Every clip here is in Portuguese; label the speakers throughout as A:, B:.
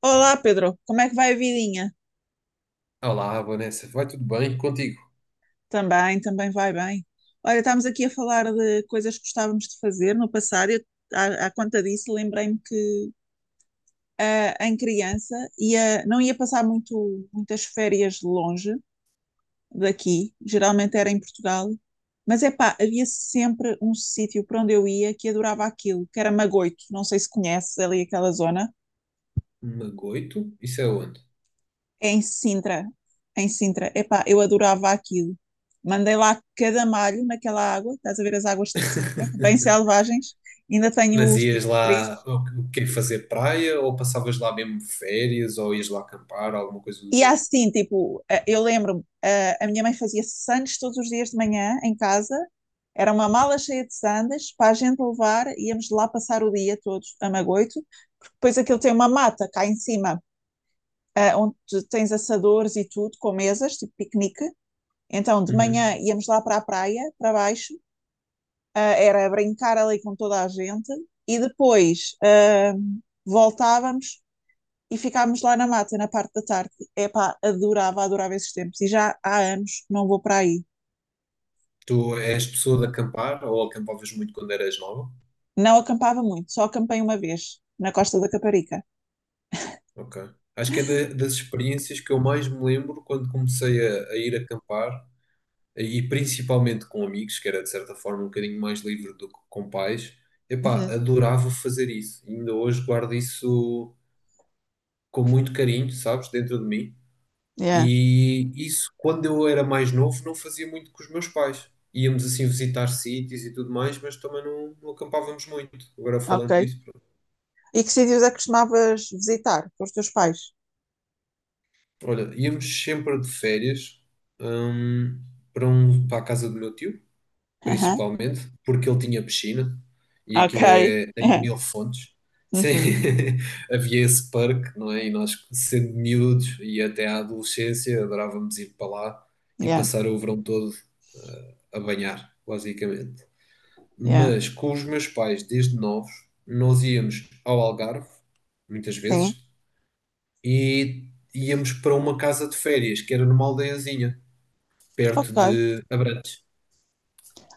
A: Olá, Pedro. Como é que vai a vidinha?
B: Olá, Vanessa, vai tudo bem? Contigo?
A: Também, também vai bem. Olha, estamos aqui a falar de coisas que gostávamos de fazer no passado. À conta disso, lembrei-me que em criança ia, não ia passar muito, muitas férias longe daqui. Geralmente era em Portugal. Mas é pá, havia sempre um sítio para onde eu ia que adorava aquilo, que era Magoito. Não sei se conheces ali aquela zona.
B: Magoito? Isso é onde?
A: Em Sintra. Em Sintra. Epá, eu adorava aquilo. Mandei lá cada malho naquela água, estás a ver as águas de Sintra, bem selvagens, ainda
B: Mas
A: tenho
B: ias lá,
A: cicatrizes.
B: o quê, fazer praia ou passavas lá mesmo férias ou ias lá acampar, alguma coisa do
A: E há
B: género?
A: assim, tipo, eu lembro-me, a minha mãe fazia sandes todos os dias de manhã em casa, era uma mala cheia de sandes para a gente levar, íamos lá passar o dia todos a Magoito, porque depois aquilo tem uma mata cá em cima, onde tu tens assadores e tudo, com mesas, tipo piquenique. Então, de
B: Uhum.
A: manhã íamos lá para a praia, para baixo, era brincar ali com toda a gente e depois voltávamos e ficávamos lá na mata, na parte da tarde. Epá, adorava, adorava esses tempos e já há anos que não vou para aí.
B: Tu és pessoa de acampar ou acampavas muito quando eras nova?
A: Não acampava muito, só acampei uma vez, na Costa da Caparica.
B: Ok. Acho que é das experiências que eu mais me lembro quando comecei a ir acampar e principalmente com amigos, que era de certa forma um bocadinho mais livre do que com pais. Epá,
A: Uhum.
B: adorava fazer isso. Ainda hoje guardo isso com muito carinho, sabes, dentro de mim.
A: Yeah,
B: E isso, quando eu era mais novo, não fazia muito com os meus pais. Íamos assim visitar sítios e tudo mais, mas também não acampávamos muito. Agora
A: ok.
B: falando disso, pronto.
A: E que sítios é que costumavas visitar com os teus pais?
B: Olha, íamos sempre de férias, hum, para a casa do meu tio principalmente, porque ele tinha piscina e aquilo
A: Ok.
B: é em Mil Fontes. Sim,
A: Uhum.
B: havia esse parque, não é? E nós, sendo miúdos e até à adolescência, adorávamos ir para lá e
A: Yeah,
B: passar o verão todo a banhar, basicamente.
A: yeah.
B: Mas com os meus pais, desde novos, nós íamos ao Algarve, muitas
A: Sim,
B: vezes, e íamos para uma casa de férias, que era numa aldeiazinha, perto
A: ok.
B: de Abrantes.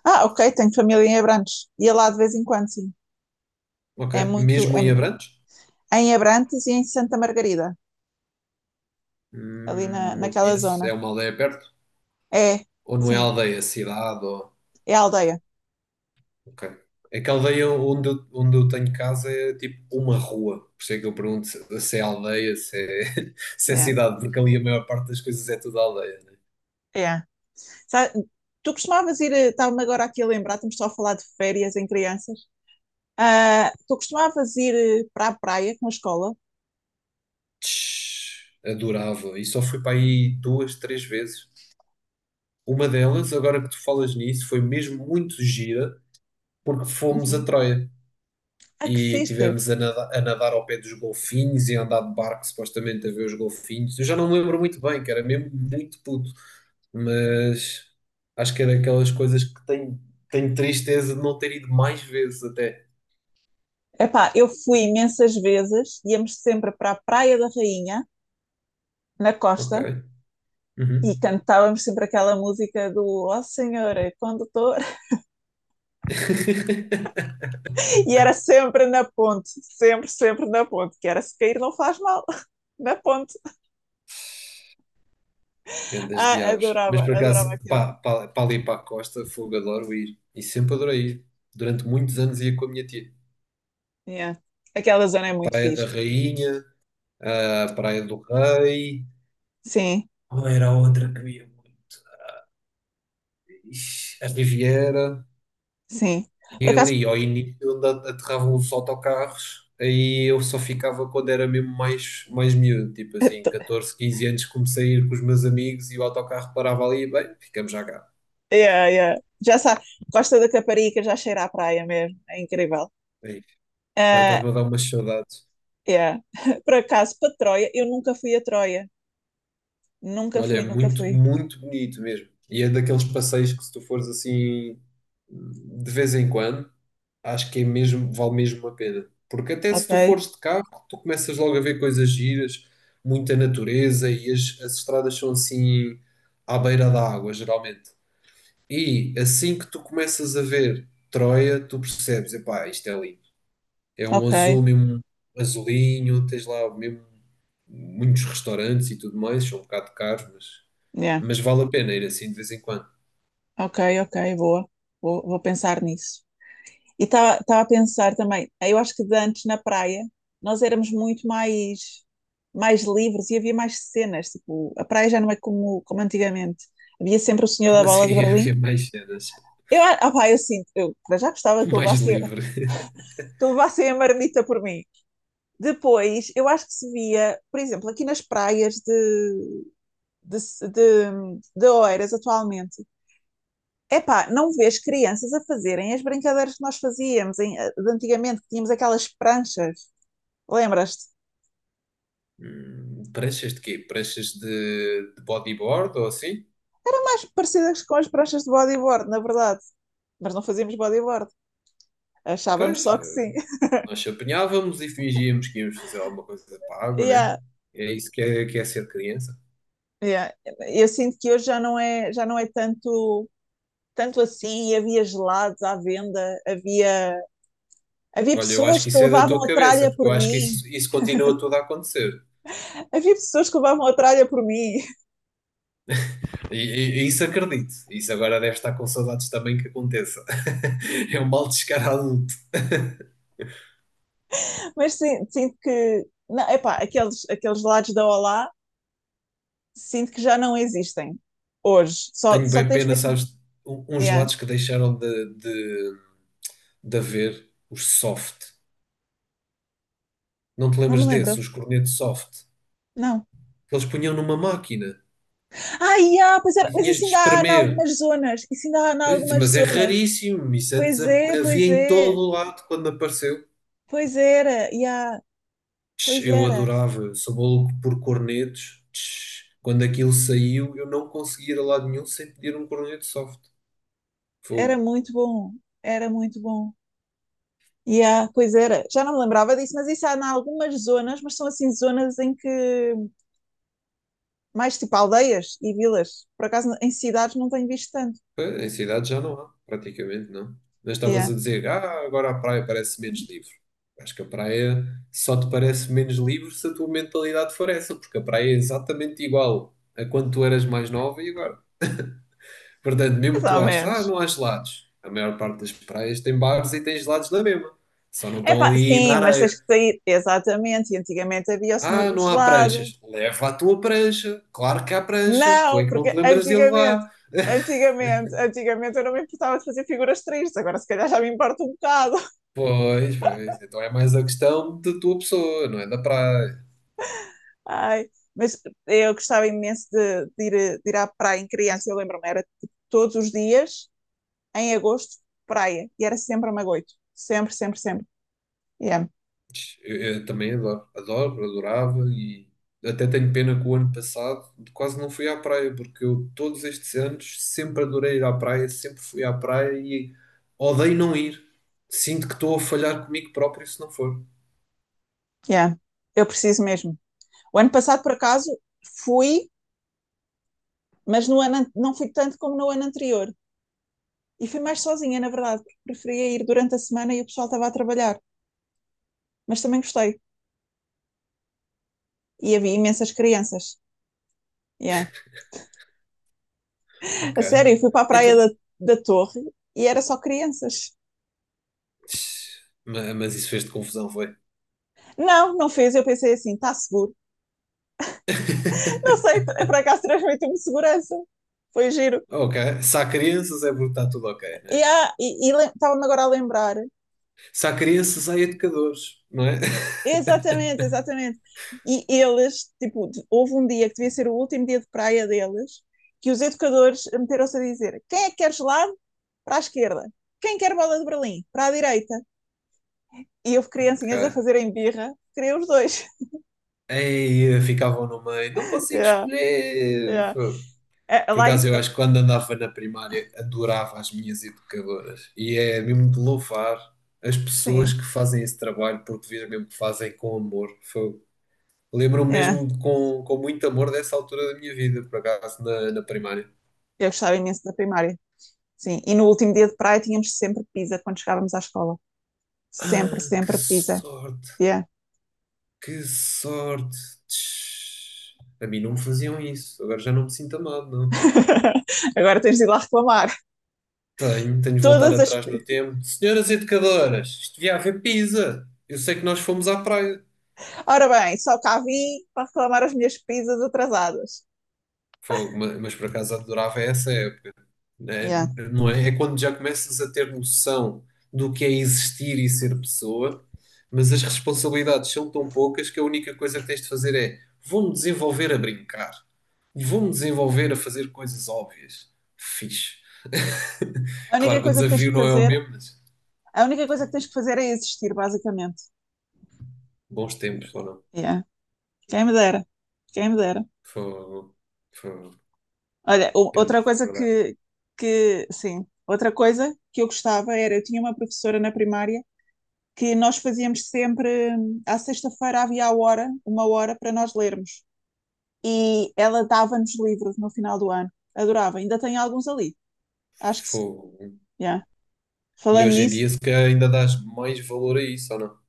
A: Ah, ok, tenho família em Abrantes. Ia lá de vez em quando, sim.
B: Ok?
A: É muito.
B: Mesmo em Abrantes?
A: Em Abrantes e em Santa Margarida, ali na,
B: Não
A: naquela
B: conheço. É
A: zona.
B: uma aldeia perto?
A: É,
B: Ou não é
A: sim,
B: aldeia, é cidade? Ou...
A: é a aldeia.
B: Ok. É que a aldeia onde onde eu tenho casa é tipo uma rua. Por isso é que eu pergunto se é aldeia, se é, se é
A: Yeah,
B: cidade, porque ali a maior parte das coisas é tudo aldeia, né?
A: yeah. Sa- Tu costumavas ir, estava-me agora aqui a lembrar, estamos só a falar de férias em crianças. Ah, tu costumavas ir para a praia com a escola?
B: Adorava. E só fui para aí duas, três vezes. Uma delas, agora que tu falas nisso, foi mesmo muito gira, porque fomos a
A: Uhum.
B: Troia.
A: Ah, que
B: E
A: fixe!
B: tivemos a nada- a nadar, ao pé dos golfinhos e a andar de barco supostamente a ver os golfinhos. Eu já não me lembro muito bem, que era mesmo muito puto, mas acho que era aquelas coisas que tenho tristeza de não ter ido mais vezes até.
A: Epá, eu fui imensas vezes, íamos sempre para a Praia da Rainha, na
B: Ok.
A: costa, e
B: Uhum.
A: cantávamos sempre aquela música do Oh Senhor, quando estou. E era sempre na ponte, sempre, sempre na ponte, que era se cair não faz mal, na ponte.
B: Grandes
A: Ah,
B: diabos. Mas
A: adorava,
B: por
A: adorava
B: acaso,
A: aquilo.
B: pá ali para a costa, fogo, adoro ir. E sempre adorei ir. Durante muitos anos ia com a minha tia.
A: Yeah. Aquela zona é muito
B: Praia da
A: fixe.
B: Rainha, a Praia do Rei.
A: Sim,
B: Qual era a outra que ia? Ixi, a Riviera,
A: sim.
B: e
A: Por acaso,
B: ali ao início onde aterravam os autocarros, aí eu só ficava quando era mesmo mais miúdo, tipo assim, 14 15 anos, comecei a ir com os meus amigos e o autocarro parava ali, e, bem, ficamos já cá.
A: yeah, yeah. Já sabe, Costa da Caparica já cheira à praia mesmo, é incrível.
B: É isso. Agora
A: Ah,
B: estás-me a dar umas saudades.
A: yeah. Por acaso, para Troia, eu nunca fui a Troia, nunca
B: Olha, é
A: fui, nunca
B: muito,
A: fui.
B: muito bonito mesmo. E é daqueles passeios que se tu fores assim de vez em quando, acho que é mesmo, vale mesmo a pena. Porque até se tu
A: Ok,
B: fores de carro, tu começas logo a ver coisas giras, muita natureza e as estradas são assim à beira da água, geralmente. E assim que tu começas a ver Troia, tu percebes, epá, isto é lindo. É um
A: ok,
B: azul mesmo, azulinho, tens lá mesmo muitos restaurantes e tudo mais, são um bocado caros, mas
A: yeah.
B: mas vale a pena ir assim de vez em quando.
A: Ok, ok, boa, vou pensar nisso. E estava a pensar também, eu acho que de antes na praia nós éramos muito mais livres e havia mais cenas. Tipo, a praia já não é como antigamente. Havia sempre o Senhor da
B: Como
A: Bola de
B: assim
A: Berlim.
B: havia mais cenas?
A: Pá, eu sinto, eu para já gostava que
B: Mais
A: levassem
B: livre?
A: que levassem a marmita por mim. Depois, eu acho que se via, por exemplo, aqui nas praias de, de Oeiras atualmente, epá, não vês crianças a fazerem as brincadeiras que nós fazíamos de antigamente, que tínhamos aquelas pranchas. Lembras-te?
B: Pranchas de quê? Pranchas de bodyboard ou assim?
A: Mais parecidas com as pranchas de bodyboard, na verdade. Mas não fazíamos bodyboard. Achávamos
B: Pois,
A: só que sim.
B: nós se apanhávamos e fingíamos que íamos fazer alguma coisa para a água, né?
A: Yeah,
B: É isso que é ser criança.
A: yeah. Eu sinto que hoje já não é tanto assim. Havia gelados à venda, havia
B: Olha, eu acho
A: pessoas
B: que
A: que
B: isso é da tua
A: levavam a
B: cabeça,
A: tralha
B: porque
A: por
B: eu acho que
A: mim.
B: isso continua tudo a acontecer.
A: Havia pessoas que levavam a tralha por mim.
B: E isso acredito. Isso agora deve estar com saudades também que aconteça. É um mal descarado.
A: Mas sim, sinto que. Não, epá, aqueles gelados da Olá, sinto que já não existem hoje. Só,
B: Tenho
A: só
B: bem
A: tens
B: pena,
A: mesmo.
B: sabes, uns
A: Yeah.
B: lados que deixaram de haver os soft. Não te
A: Não me
B: lembras desses,
A: lembro.
B: os cornetos soft?
A: Não.
B: Que eles punham numa máquina
A: Ai, pois
B: e
A: era, mas
B: tinhas de
A: isso ainda há em
B: espremer.
A: algumas zonas. Isso ainda há em
B: Eu disse,
A: algumas
B: mas é
A: zonas.
B: raríssimo, isso antes
A: Pois é,
B: havia
A: pois
B: em todo
A: é.
B: o lado quando apareceu.
A: Pois era, yeah, pois
B: Eu
A: era.
B: adorava, eu sou maluco por cornetos. Quando aquilo saiu, eu não conseguia ir a lado nenhum sem pedir um corneto soft.
A: Era
B: Fogo.
A: muito bom. Era muito bom. Yeah, pois era. Já não me lembrava disso, mas isso há em algumas zonas, mas são assim zonas em que mais tipo aldeias e vilas. Por acaso em cidades não tenho visto tanto.
B: Pois, em cidade já não há, praticamente não. Mas estavas
A: Yeah.
B: a dizer, ah, agora a praia parece menos livre. Acho que a praia só te parece menos livre se a tua mentalidade for essa, porque a praia é exatamente igual a quando tu eras mais nova e agora. Portanto, mesmo
A: Mais
B: que tu
A: ou
B: aches, ah,
A: menos.
B: não há gelados. A maior parte das praias tem bares e tem gelados na mesma. Só não estão
A: Epá,
B: ali na
A: sim, mas tens
B: areia.
A: que sair. Exatamente. E antigamente havia o Senhor
B: Ah,
A: do
B: não há
A: Gelado.
B: pranchas. Leva a tua prancha. Claro que há prancha. Tu
A: Não,
B: é que não te
A: porque
B: lembras de
A: antigamente,
B: levar.
A: antigamente, antigamente eu não me importava de fazer figuras tristes, agora se calhar já me importa um bocado.
B: Pois, pois. Então é mais a questão da tua pessoa, não é da praia.
A: Ai, mas eu gostava imenso de ir à praia em criança, eu lembro-me, era tipo, todos os dias, em agosto, praia, e era sempre a Magoito, sempre, sempre, sempre. Yeah,
B: Eu também adorava e até tenho pena que o ano passado quase não fui à praia, porque eu todos estes anos sempre adorei ir à praia, sempre fui à praia e odeio não ir. Sinto que estou a falhar comigo próprio se não for.
A: yeah. Eu preciso mesmo. O ano passado, por acaso, fui, mas não fui tanto como no ano anterior. E fui mais sozinha, na verdade, porque preferia ir durante a semana e o pessoal estava a trabalhar. Mas também gostei. E havia imensas crianças. Yeah. A
B: Ok.
A: sério, eu fui para a praia
B: Então,
A: da Torre e era só crianças.
B: mas isso fez-te confusão, foi?
A: Não, não fez. Eu pensei assim, está seguro. Não sei, por acaso transmitiu-me segurança. Foi giro.
B: Ok. Se há crianças é porque está tudo ok, né?
A: Yeah, e estava-me agora a lembrar.
B: Se há crianças, há educadores, não é?
A: Exatamente, exatamente. E eles, tipo, houve um dia que devia ser o último dia de praia deles, que os educadores meteram-se a dizer: quem é que quer gelado? Para a esquerda. Quem quer bola de Berlim? Para a direita. E houve criancinhas a
B: Ok.
A: fazerem birra, queria os dois.
B: Aí ficavam no meio, não consigo
A: Yeah.
B: escolher.
A: É, é,
B: Por
A: lá em,
B: acaso, eu acho que quando andava na primária adorava as minhas educadoras e é mesmo de louvar as pessoas
A: sim,
B: que fazem esse trabalho porque vejo mesmo que fazem com amor. Foi, lembro-me
A: é.
B: mesmo com muito amor dessa altura da minha vida, por acaso, na primária.
A: Eu gostava imenso da primária. Sim, e no último dia de praia tínhamos sempre pizza quando chegávamos à escola. Sempre,
B: Ah, que
A: sempre pizza.
B: sorte,
A: Yeah.
B: que sorte. Tch. A mim não me faziam isso, agora já não me sinto amado, não.
A: Agora tens de ir lá reclamar.
B: Tenho de voltar
A: Todas as.
B: atrás
A: pi-
B: no tempo. Senhoras educadoras, isto devia haver pizza. Eu sei que nós fomos à praia.
A: Ora bem, só cá vim para reclamar as minhas pizzas atrasadas.
B: Fogo, mas por acaso adorava essa época, né?
A: Yeah.
B: Não é? É quando já começas a ter noção do que é existir e ser pessoa, mas as responsabilidades são tão poucas que a única coisa que tens de fazer é vou-me desenvolver a brincar, vou-me desenvolver a fazer coisas óbvias. Fixe.
A: A
B: Claro
A: única
B: que o
A: coisa que tens
B: desafio
A: que
B: não é o
A: fazer,
B: mesmo, mas
A: a única coisa que tens que fazer é existir, basicamente.
B: bons tempos, ou não?
A: Yeah. Quem me dera. Quem me dera.
B: Fogo, fogo,
A: Olha,
B: anda
A: outra
B: a
A: coisa
B: recordar.
A: sim, outra coisa que eu gostava era, eu tinha uma professora na primária que nós fazíamos sempre, à sexta-feira havia a hora, uma hora para nós lermos. E ela dava-nos livros no final do ano. Adorava, ainda tem alguns ali. Acho que.
B: Fogo.
A: Yeah.
B: E
A: Falando
B: hoje em
A: nisso,
B: dia, se calhar, ainda dás mais valor a isso, ou não?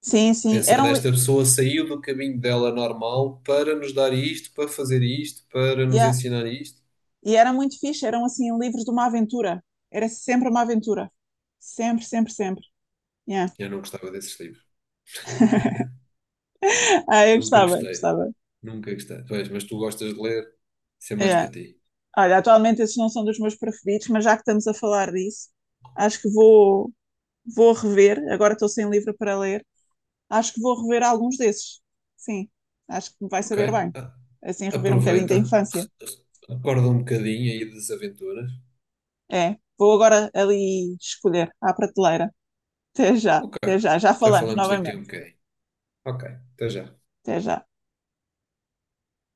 A: sim, sim,
B: Pensando,
A: eram.
B: esta pessoa saiu do caminho dela normal para nos dar isto, para fazer isto, para nos
A: Yeah.
B: ensinar isto.
A: E era muito fixe, eram assim livros de uma aventura. Era sempre uma aventura. Sempre, sempre, sempre. Yeah.
B: Eu não gostava desses livros.
A: Ah, eu
B: Nunca
A: gostava,
B: gostei.
A: gostava.
B: Nunca gostei. Pois, mas tu gostas de ler, isso é mais
A: Yeah.
B: para ti.
A: Olha, atualmente esses não são dos meus preferidos, mas já que estamos a falar disso, acho que vou rever. Agora estou sem livro para ler. Acho que vou rever alguns desses. Sim, acho que me vai
B: Ok.
A: saber bem.
B: Ah,
A: Assim, rever um bocadinho da
B: aproveita.
A: infância.
B: Acorda um bocadinho aí das aventuras.
A: É, vou agora ali escolher à prateleira. Até já,
B: Ok.
A: até já. Já
B: Já
A: falamos
B: falamos daqui a um
A: novamente.
B: bocadinho. Ok. Até já.
A: Até já.